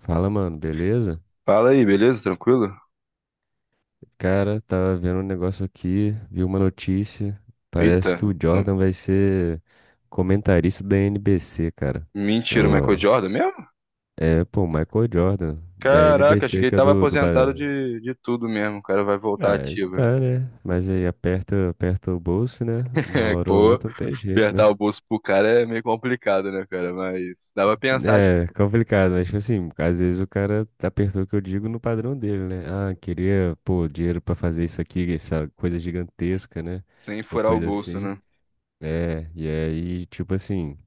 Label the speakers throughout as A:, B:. A: Fala, mano, beleza?
B: Fala aí, beleza? Tranquilo?
A: Cara, tava vendo um negócio aqui, vi uma notícia.
B: Eita.
A: Parece que o Jordan vai ser comentarista da NBC, cara.
B: Mentira, o
A: Eu-
B: Michael Jordan mesmo?
A: É, pô, Michael Jordan, da
B: Caraca, achei que
A: NBC,
B: ele
A: que é
B: tava
A: do...
B: aposentado de tudo mesmo. O cara vai voltar
A: Ah, ele
B: ativo.
A: tá, né? Mas aí aperta, aperta o bolso, né? Uma
B: É,
A: hora ou
B: pô,
A: outra não tem jeito,
B: apertar
A: né?
B: o bolso pro cara é meio complicado, né, cara? Mas dá pra pensar, tipo,
A: É complicado, mas tipo assim, às vezes o cara apertou o que eu digo no padrão dele, né? Ah, queria, pô, dinheiro pra fazer isso aqui, essa coisa gigantesca, né?
B: sem
A: Ou
B: furar o
A: coisa
B: bolso,
A: assim.
B: né?
A: É, e aí, tipo assim,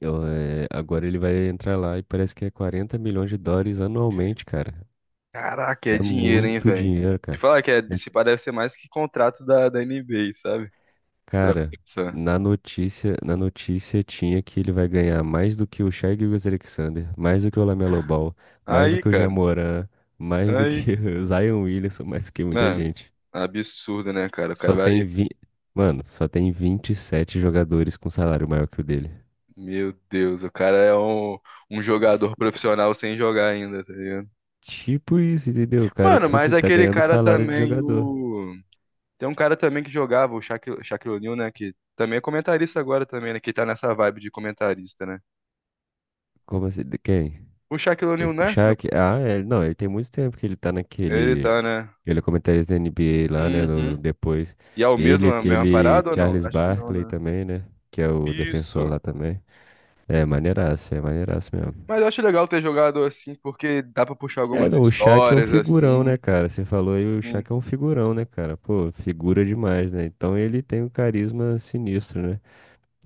A: agora ele vai entrar lá e parece que é 40 milhões de dólares anualmente, cara.
B: Caraca, é
A: É
B: dinheiro, hein,
A: muito
B: velho?
A: dinheiro,
B: Te
A: cara.
B: falar que é,
A: É.
B: se parece ser mais que contrato da NBA, sabe? Se pra
A: Cara,
B: pensar.
A: na notícia tinha que ele vai ganhar mais do que o Shai Gilgeous-Alexander, mais do que o Lamelo Ball, mais do
B: Aí,
A: que o
B: cara,
A: Jamoran, mais do
B: aí,
A: que o Zion Williamson, mais do que muita
B: mano,
A: gente.
B: absurdo, né, cara? O cara
A: Só
B: vai.
A: tem vi... Mano, só tem 27 jogadores com salário maior que o dele.
B: Meu Deus, o cara é um
A: S-
B: jogador profissional sem jogar ainda, tá ligado?
A: Tipo isso, entendeu? O cara,
B: Mano,
A: tipo
B: mas
A: assim, tá
B: aquele
A: ganhando
B: cara
A: salário de
B: também,
A: jogador.
B: o. Tem um cara também que jogava, o Shaquille O'Neal, né? Que também é comentarista agora também, né? Que tá nessa vibe de comentarista, né?
A: Como assim? De quem?
B: O Shaquille
A: O
B: O'Neal,
A: o
B: né? se não-
A: Shaq? Ah, é, não, ele tem muito tempo que ele tá
B: Ele
A: naquele.
B: tá, né?
A: Ele é comentarista da NBA lá, né? Do
B: Uhum.
A: depois.
B: E é o
A: Ele,
B: mesmo, a mesma
A: aquele
B: parada ou não?
A: Charles
B: Acho que não,
A: Barkley
B: né?
A: também, né? Que é o defensor
B: Isso.
A: lá também. É maneiraço mesmo.
B: Mas eu acho legal ter jogado assim, porque dá pra puxar
A: É,
B: algumas
A: não, o Shaq é um
B: histórias
A: figurão, né,
B: assim.
A: cara? Você falou aí, o
B: Sim.
A: Shaq é um figurão, né, cara? Pô, figura demais, né? Então ele tem um carisma sinistro, né?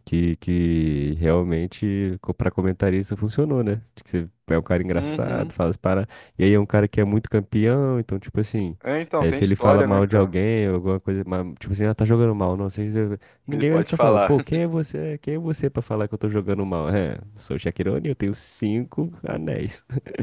A: Que realmente, para comentarista, funcionou, né? De que você é um cara engraçado,
B: Uhum.
A: fala as para. E aí é um cara que é muito campeão, então, tipo assim,
B: É, então, tem
A: se ele fala
B: história, né,
A: mal de
B: cara?
A: alguém, ou alguma coisa, tipo assim, ah, tá jogando mal, não sei.
B: Ele
A: Ninguém vai
B: pode
A: ficar falando,
B: falar.
A: pô, quem é você? Quem é você pra falar que eu tô jogando mal? É, sou o Shaquirone, eu tenho cinco anéis,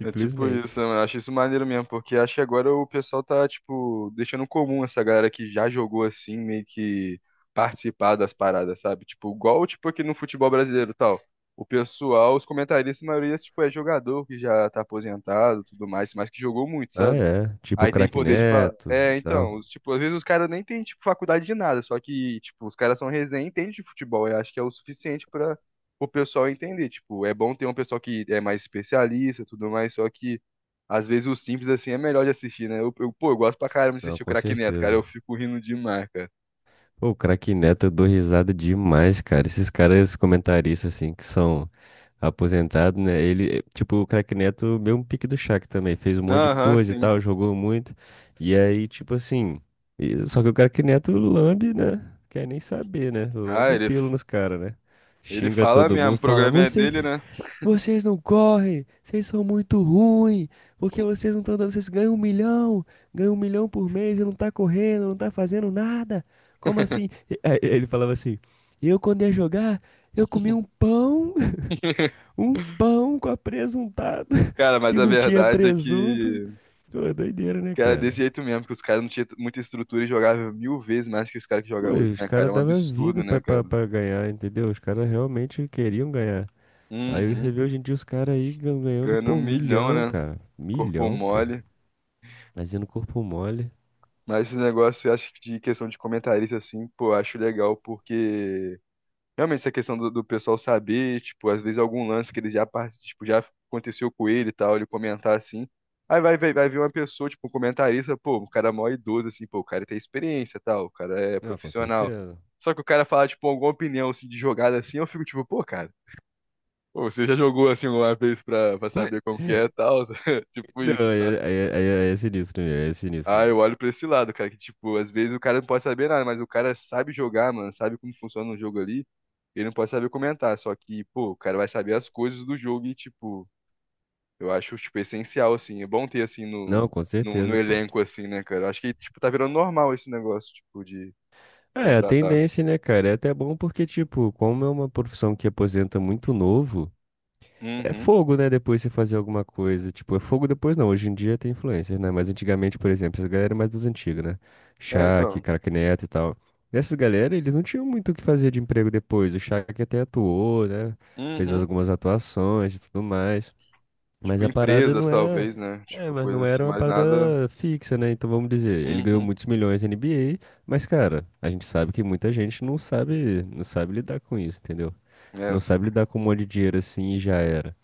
B: É tipo isso, eu acho isso maneiro mesmo, porque acho que agora o pessoal tá, tipo, deixando comum essa galera que já jogou assim, meio que participar das paradas, sabe? Tipo, igual, tipo, aqui no futebol brasileiro e tal. O pessoal, os comentaristas, a maioria, tipo, é jogador que já tá aposentado, e tudo mais, mas que jogou muito,
A: Ah,
B: sabe?
A: é, tipo o
B: Aí tem
A: Craque
B: poder de.
A: Neto e
B: É, então,
A: tal.
B: tipo, às vezes os caras nem têm, tipo, faculdade de nada, só que, tipo, os caras são resenha e entendem de futebol. Eu acho que é o suficiente para o pessoal entender. Tipo, é bom ter um pessoal que é mais especialista e tudo mais, só que às vezes o simples assim é melhor de assistir, né? Pô, eu gosto pra caramba de
A: Não,
B: assistir o
A: com
B: Craque Neto, cara.
A: certeza.
B: Eu fico rindo demais, cara.
A: Pô, o Craque Neto, eu dou risada demais, cara. Esses caras comentaristas, assim, que são aposentados, né? Ele, tipo, o Craque Neto, mesmo pique do Shaq também, fez um monte de
B: Aham,
A: coisa e
B: sim.
A: tal, jogou muito. E aí, tipo assim, só que o Craque Neto lambe, né? Quer nem saber, né?
B: Ah,
A: Lambe o
B: ele,
A: pelo nos caras, né?
B: ele
A: Xinga
B: fala
A: todo
B: mesmo,
A: mundo,
B: o
A: fala,
B: programa é
A: você
B: dele, né?
A: vocês não correm, vocês são muito ruins, porque vocês não estão dando, vocês ganham um milhão por mês e não tá correndo, não tá fazendo nada. Como assim? Aí, ele falava assim: eu quando ia jogar, eu comi um pão, um pão com apresuntado,
B: Cara, mas
A: que
B: a
A: não tinha
B: verdade é
A: presunto.
B: que
A: Pô, é doideira, né,
B: Cara,
A: cara?
B: desse jeito mesmo, porque os caras não tinham muita estrutura e jogavam mil vezes mais que os caras que
A: Pô,
B: jogam hoje,
A: os
B: né,
A: caras
B: cara? É um
A: davam vida
B: absurdo,
A: pra,
B: né,
A: pra,
B: cara?
A: pra ganhar, entendeu? Os caras realmente queriam ganhar. Aí você
B: Uhum.
A: vê hoje em dia os caras aí ganhando,
B: Ganhando um
A: pô,
B: milhão,
A: milhão,
B: né?
A: cara.
B: Corpo
A: Milhão, pô.
B: mole.
A: Imagina o corpo mole.
B: Mas esse negócio, eu acho que de questão de comentarista, assim, pô, eu acho legal porque realmente, essa questão do pessoal saber, tipo, às vezes algum lance que ele já, parti- tipo, já aconteceu com ele e tal, ele comentar assim. Aí vai ver uma pessoa, tipo, um comentarista, pô, o cara é mó idoso, assim, pô, o cara tem experiência e tal, o cara é
A: Não, com
B: profissional.
A: certeza.
B: Só que o cara fala, tipo, alguma opinião, assim, de jogada, assim, eu fico, tipo, pô, cara, pô, você já jogou, assim, uma vez pra, saber como que é e tal? Tipo
A: Não,
B: isso,
A: aí
B: sabe?
A: é, aí é- aí é sinistro mesmo, aí é sinistro
B: Ah, eu
A: mesmo.
B: olho pra esse lado, cara, que tipo, às vezes o cara não pode saber nada, mas o cara sabe jogar, mano, sabe como funciona o jogo ali, ele não pode saber comentar, só que, pô, o cara vai saber as coisas do jogo e, tipo, eu acho, tipo, essencial, assim, é bom ter, assim,
A: Não,
B: no,
A: com
B: no
A: certeza, pô.
B: elenco, assim, né, cara, eu acho que, tipo, tá virando normal esse negócio, tipo, de
A: É, a
B: contratar.
A: tendência, né, cara? É até bom porque, tipo, como é uma profissão que aposenta muito novo, é
B: Uhum,
A: fogo, né, depois você fazer alguma coisa. Tipo, é fogo depois não. Hoje em dia tem influencer, né? Mas antigamente, por exemplo, essas galera é mais das antigas, né?
B: é,
A: Shaq,
B: então,
A: Craque Neto e tal. Essas galera, eles não tinham muito o que fazer de emprego depois. O Shaq até atuou, né? Fez
B: uhum,
A: algumas atuações e tudo mais. Mas
B: tipo,
A: a parada não
B: empresas,
A: era.
B: talvez, né,
A: É,
B: tipo,
A: mas não
B: coisa assim,
A: era uma
B: mas
A: parada
B: nada,
A: fixa, né? Então vamos dizer, ele ganhou
B: uhum,
A: muitos milhões na NBA, mas, cara, a gente sabe que muita gente não sabe, não sabe lidar com isso, entendeu?
B: é,
A: Não sabe lidar com um monte de dinheiro assim e já era.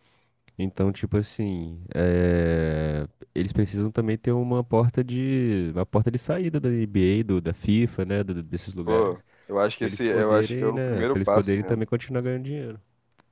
A: Então, tipo assim, eles precisam também ter uma porta de saída da NBA, da FIFA, né? Desses
B: pô,
A: lugares,
B: eu acho que
A: pra eles
B: esse, eu acho que é
A: poderem,
B: o
A: né?
B: primeiro
A: Pra eles
B: passo
A: poderem
B: mesmo.
A: também continuar ganhando dinheiro.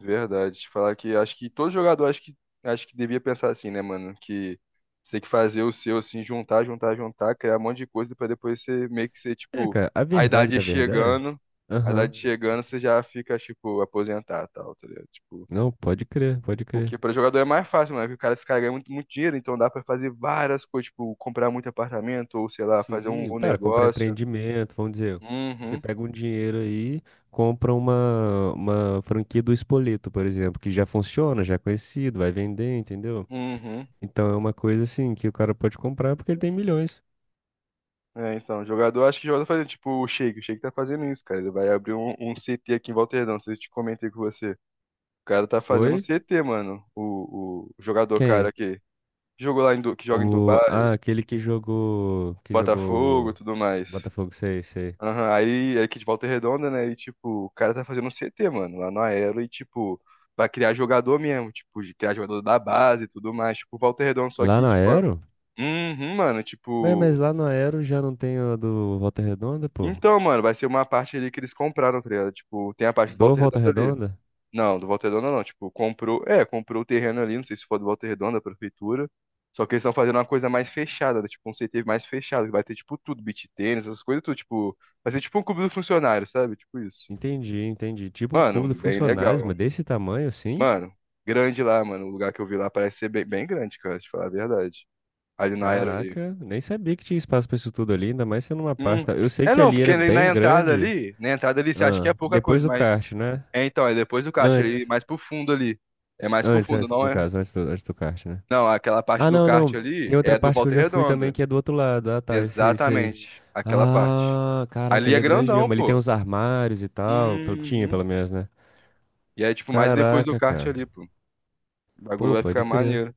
B: Verdade. Falar que acho que todo jogador acho que devia pensar assim, né, mano? Que você tem que fazer o seu assim, juntar, juntar, juntar, criar um monte de coisa pra depois você meio que ser
A: É,
B: tipo
A: cara, a
B: a
A: verdade
B: idade
A: da verdade.
B: chegando,
A: É,
B: a
A: aham.
B: idade chegando, você já fica tipo aposentado, tal, tá ligado? Tipo,
A: Não, pode crer, pode crer.
B: porque pra jogador é mais fácil, mano, porque o cara se cara ganha muito, muito dinheiro, então dá pra fazer várias coisas, tipo comprar muito apartamento ou sei lá, fazer um,
A: Sim,
B: um
A: para comprar
B: negócio.
A: empreendimento, vamos dizer, você
B: Uhum.
A: pega um dinheiro aí, compra uma franquia do Espoleto, por exemplo, que já funciona, já é conhecido, vai vender, entendeu?
B: Uhum.
A: Então é uma coisa assim que o cara pode comprar porque ele tem milhões.
B: É, então, jogador, acho que jogador tá fazendo, tipo, o Sheik tá fazendo isso, cara. Ele vai abrir um CT aqui em Volterdão, se eu te comentei com você. O cara tá fazendo um
A: Oi?
B: CT, mano. O jogador, cara,
A: Quem?
B: que jogou lá em, que joga em
A: O,
B: Dubai,
A: ah, aquele que jogou, que
B: Botafogo,
A: jogou
B: tudo mais.
A: Botafogo, sei, sei.
B: Aham, aí é aqui de Volta Redonda, né? E, tipo, o cara tá fazendo um CT, mano, lá no Aero e, tipo, pra criar jogador mesmo, tipo, de criar jogador da base e tudo mais, tipo, Volta Redonda, só
A: Lá
B: que,
A: na
B: tipo,
A: Aero?
B: uhum, mano,
A: Ué, mas
B: tipo.
A: lá na Aero já não tem a do Volta Redonda, pô?
B: Então, mano, vai ser uma parte ali que eles compraram, tá ligado? Tipo, tem a parte do
A: Do
B: Volta
A: Volta
B: Redonda ali.
A: Redonda?
B: Não, do Volta Redonda não. Tipo, comprou. É, comprou o terreno ali, não sei se for do Volta Redonda, da prefeitura. Só que eles estão fazendo uma coisa mais fechada, né? Tipo, um CT mais fechado, que vai ter, tipo, tudo, beach tênis, essas coisas, tudo. Tipo, vai ser tipo um clube do funcionário, sabe? Tipo isso.
A: Entendi, entendi. Tipo um cubo
B: Mano,
A: de
B: bem
A: funcionários,
B: legal.
A: mas desse tamanho assim?
B: Mano, grande lá, mano. O lugar que eu vi lá parece ser bem, bem grande, cara, te falar a verdade. Ali na era ali.
A: Caraca, nem sabia que tinha espaço pra isso tudo ali, ainda mais sendo uma
B: Hum.
A: pasta. Eu sei
B: É
A: que
B: não,
A: ali
B: porque
A: era
B: ali na
A: bem
B: entrada
A: grande.
B: ali, na entrada ali você acha que
A: Ah,
B: é pouca
A: depois
B: coisa,
A: do
B: mas
A: kart, né?
B: é, então, é depois do kart ali,
A: Antes.
B: mais pro fundo ali. É mais pro
A: Antes,
B: fundo,
A: antes
B: não
A: no
B: é?
A: caso, antes do kart, né?
B: Não, aquela parte
A: Ah,
B: do
A: não,
B: kart
A: não. Tem
B: ali
A: outra
B: é do
A: parte que eu
B: Volta
A: já fui também
B: Redonda.
A: que é do outro lado. Ah, tá, isso aí, isso aí.
B: Exatamente, aquela parte.
A: Ah, caraca,
B: Ali
A: ali
B: é
A: é grande
B: grandão,
A: mesmo. Ali tem
B: pô.
A: uns armários e tal. Tinha,
B: Uhum.
A: pelo menos, né?
B: E é tipo mais depois do
A: Caraca,
B: kart
A: cara.
B: ali, pô. O bagulho
A: Pô,
B: vai
A: pode
B: ficar
A: crer.
B: maneiro.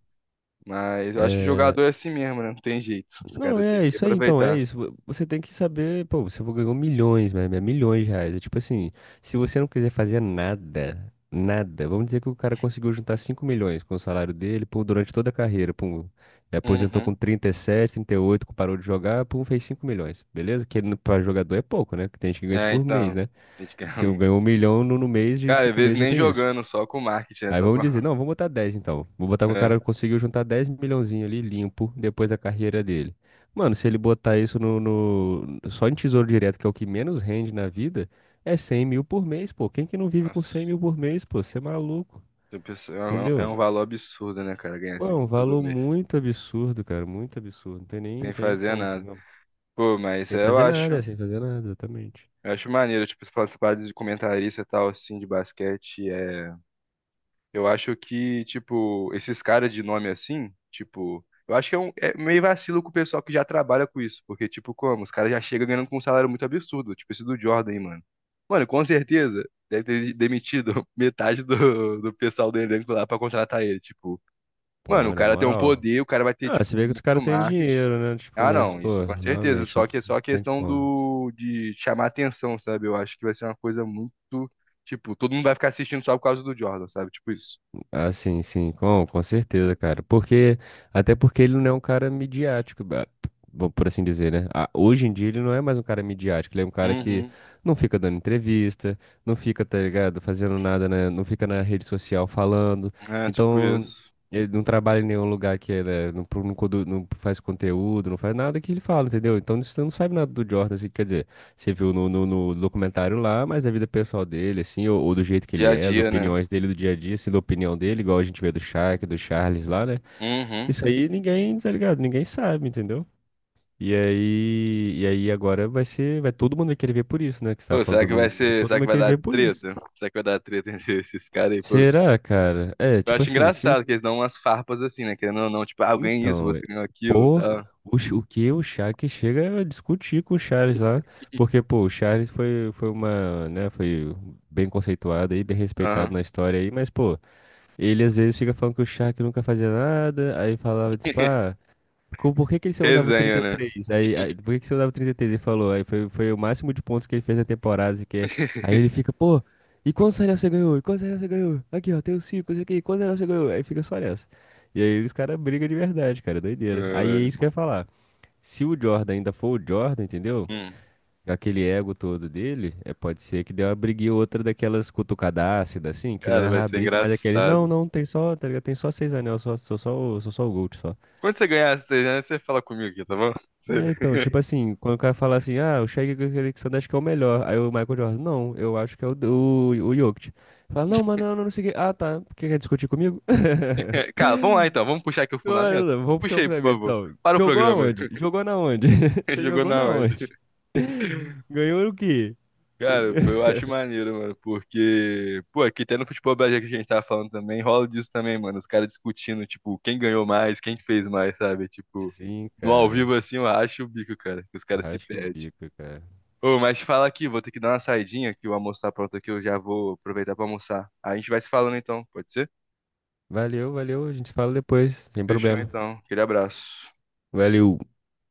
B: Mas eu acho que
A: É,
B: jogador é assim mesmo, né? Não tem jeito. Os
A: não,
B: caras têm
A: é
B: que
A: isso aí, então, é
B: aproveitar.
A: isso. Você tem que saber, pô, você ganhou milhões, né? Né, milhões de reais. É tipo assim, se você não quiser fazer nada, nada, vamos dizer que o cara conseguiu juntar 5 milhões com o salário dele, pô, durante toda a carreira, pô, aposentou com
B: Uhum.
A: trinta e sete, 38, que parou de jogar, pô, fez 5 milhões, beleza? Que para jogador é pouco, né? Que tem gente que ganha isso
B: É,
A: por mês,
B: então.
A: né?
B: a gente quer
A: Se ganhou um milhão no mês, em
B: Cara, às
A: 5
B: vezes
A: meses já
B: nem
A: tem isso.
B: jogando, só com marketing, né?
A: Aí
B: Só com.
A: vamos dizer, não, vamos botar 10, então. Vou botar que o
B: É.
A: cara conseguiu juntar 10 milhãozinho ali limpo depois da carreira dele. Mano, se ele botar isso só em tesouro direto, que é o que menos rende na vida, é 100 mil por mês, pô. Quem que não vive com 100
B: Nossa.
A: mil por mês, pô? Você é maluco,
B: tem pessoa- É um é
A: entendeu?
B: um valor absurdo, né, cara? Ganhar
A: Pô,
B: isso
A: é
B: aqui
A: um
B: todo
A: valor
B: mês.
A: muito absurdo, cara, muito absurdo. Não tem nem,
B: Sem
A: tem nem
B: fazer
A: como,
B: nada.
A: entendeu?
B: Pô, mas
A: Sem fazer nada, sem fazer nada, exatamente.
B: eu acho maneiro, tipo, essas partes de comentarista e tal, assim, de basquete, é... Eu acho que, tipo, esses caras de nome assim, tipo... Eu acho que é, um, é meio vacilo com o pessoal que já trabalha com isso, porque, tipo, como? Os caras já chegam ganhando com um salário muito absurdo, tipo esse do Jordan, aí, mano. Mano, com certeza, deve ter demitido metade do pessoal do elenco lá pra contratar ele, tipo... Mano,
A: Pô,
B: o
A: na
B: cara tem um
A: moral.
B: poder, o cara vai ter,
A: Ah,
B: tipo,
A: se vê que os
B: muito
A: caras têm
B: marketing,
A: dinheiro, né? Tipo,
B: ah,
A: mas,
B: não, isso
A: pô,
B: com certeza.
A: realmente, não
B: Só que é só a
A: tem
B: questão
A: como.
B: do de chamar atenção, sabe? Eu acho que vai ser uma coisa muito, tipo, todo mundo vai ficar assistindo só por causa do Jordan, sabe? Tipo isso.
A: Ah, sim, sim, com certeza, cara. Porque, até porque ele não é um cara midiático, vamos por assim dizer, né? Ah, hoje em dia ele não é mais um cara midiático, ele é um cara que
B: Uhum.
A: não fica dando entrevista, não fica, tá ligado, fazendo nada, né? Não fica na rede social falando.
B: É, tipo
A: Então,
B: isso.
A: ele não trabalha em nenhum lugar que ele é, né? Não, não, não faz conteúdo, não faz nada que ele fala, entendeu? Então, você não sabe nada do Jordan, assim, quer dizer. Você viu no documentário lá, mas a vida pessoal dele, assim, ou do jeito que ele
B: Dia a
A: é, as
B: dia, né?
A: opiniões dele do dia a dia, assim, da opinião dele, igual a gente vê do Shaq, do Charles lá, né?
B: Uhum.
A: Isso aí ninguém, tá ligado? Ninguém sabe, entendeu? E aí, agora vai todo mundo vai querer ver por isso, né? Que você tava
B: Pô,
A: falando, todo mundo vai querer, todo
B: será
A: mundo
B: que
A: vai
B: vai
A: querer
B: dar
A: ver por isso.
B: treta? Será que vai dar treta entre esses caras aí, pô?
A: Será, cara? É,
B: Eu
A: tipo
B: acho
A: assim, se
B: engraçado que eles dão umas farpas assim, né? Querendo ou não, tipo, ah, eu ganhei isso,
A: Então,
B: você ganhou aquilo,
A: pô,
B: tá?
A: o que o Shaq chega a discutir com o Charles lá, porque, pô, o Charles foi uma, né, foi bem conceituado aí, bem respeitado
B: Aham.
A: na história aí, mas, pô, ele às vezes fica falando que o Shaq nunca fazia nada, aí falava, tipo, ah, por que que ele só usava o
B: Resenha, né?
A: 33? Aí, por que que você usava o 33? Ele falou, aí foi o máximo de pontos que ele fez na temporada, assim, que aí ele fica, pô, e quantos anéis você ganhou? E quantos anéis você ganhou? Aqui, ó, tem os cinco, isso aqui, quantos anéis você ganhou? Aí fica só nessa. E aí os caras brigam de verdade, cara, é doideira. Aí é isso que
B: Caralho.
A: eu ia falar. Se o Jordan ainda for o Jordan, entendeu?
B: Hum.
A: Aquele ego todo dele, é, pode ser que dê uma briguinha ou outra daquelas cutucadácidas, assim, que não é
B: Cara, vai
A: a
B: ser
A: briga, mas é aqueles, não,
B: engraçado.
A: não, tem só, tá ligado? Tem só seis anéis, só, sou só o Gold, só.
B: Quando você ganhar as 300, você fala comigo aqui, tá bom? Você-
A: É, então, tipo assim, quando o cara fala assim, ah, o Shaq Alexander acho que é o melhor. Aí o Michael Jordan, não, eu acho que é o Jokic. Fala, não, mano, não, não sei o quê. Ah, tá. Porque quer discutir comigo?
B: Cara, vamos lá então, vamos puxar aqui o
A: Não, não,
B: fundamento?
A: não, vamos puxar o
B: Puxa aí, por
A: fundamento,
B: favor.
A: então.
B: Para o
A: Jogou
B: programa.
A: aonde? Jogou na onde? Você
B: Jogou
A: jogou
B: na
A: na
B: onde?
A: onde? Ganhou o quê?
B: Cara, eu acho maneiro, mano, porque, pô, aqui até no futebol brasileiro que a gente tava falando também, rola disso também, mano. Os caras discutindo, tipo, quem ganhou mais, quem fez mais, sabe? Tipo,
A: Sim,
B: no ao
A: cara.
B: vivo assim, eu acho o bico, cara, que os caras se
A: Rasca o
B: perdem.
A: bico, cara.
B: Ô, mas te fala aqui, vou ter que dar uma saidinha, que o almoço tá pronto aqui, eu já vou aproveitar pra almoçar. A gente vai se falando então, pode ser?
A: Valeu, valeu. A gente se fala depois, sem
B: Fechou
A: problema.
B: então, aquele abraço.
A: Valeu.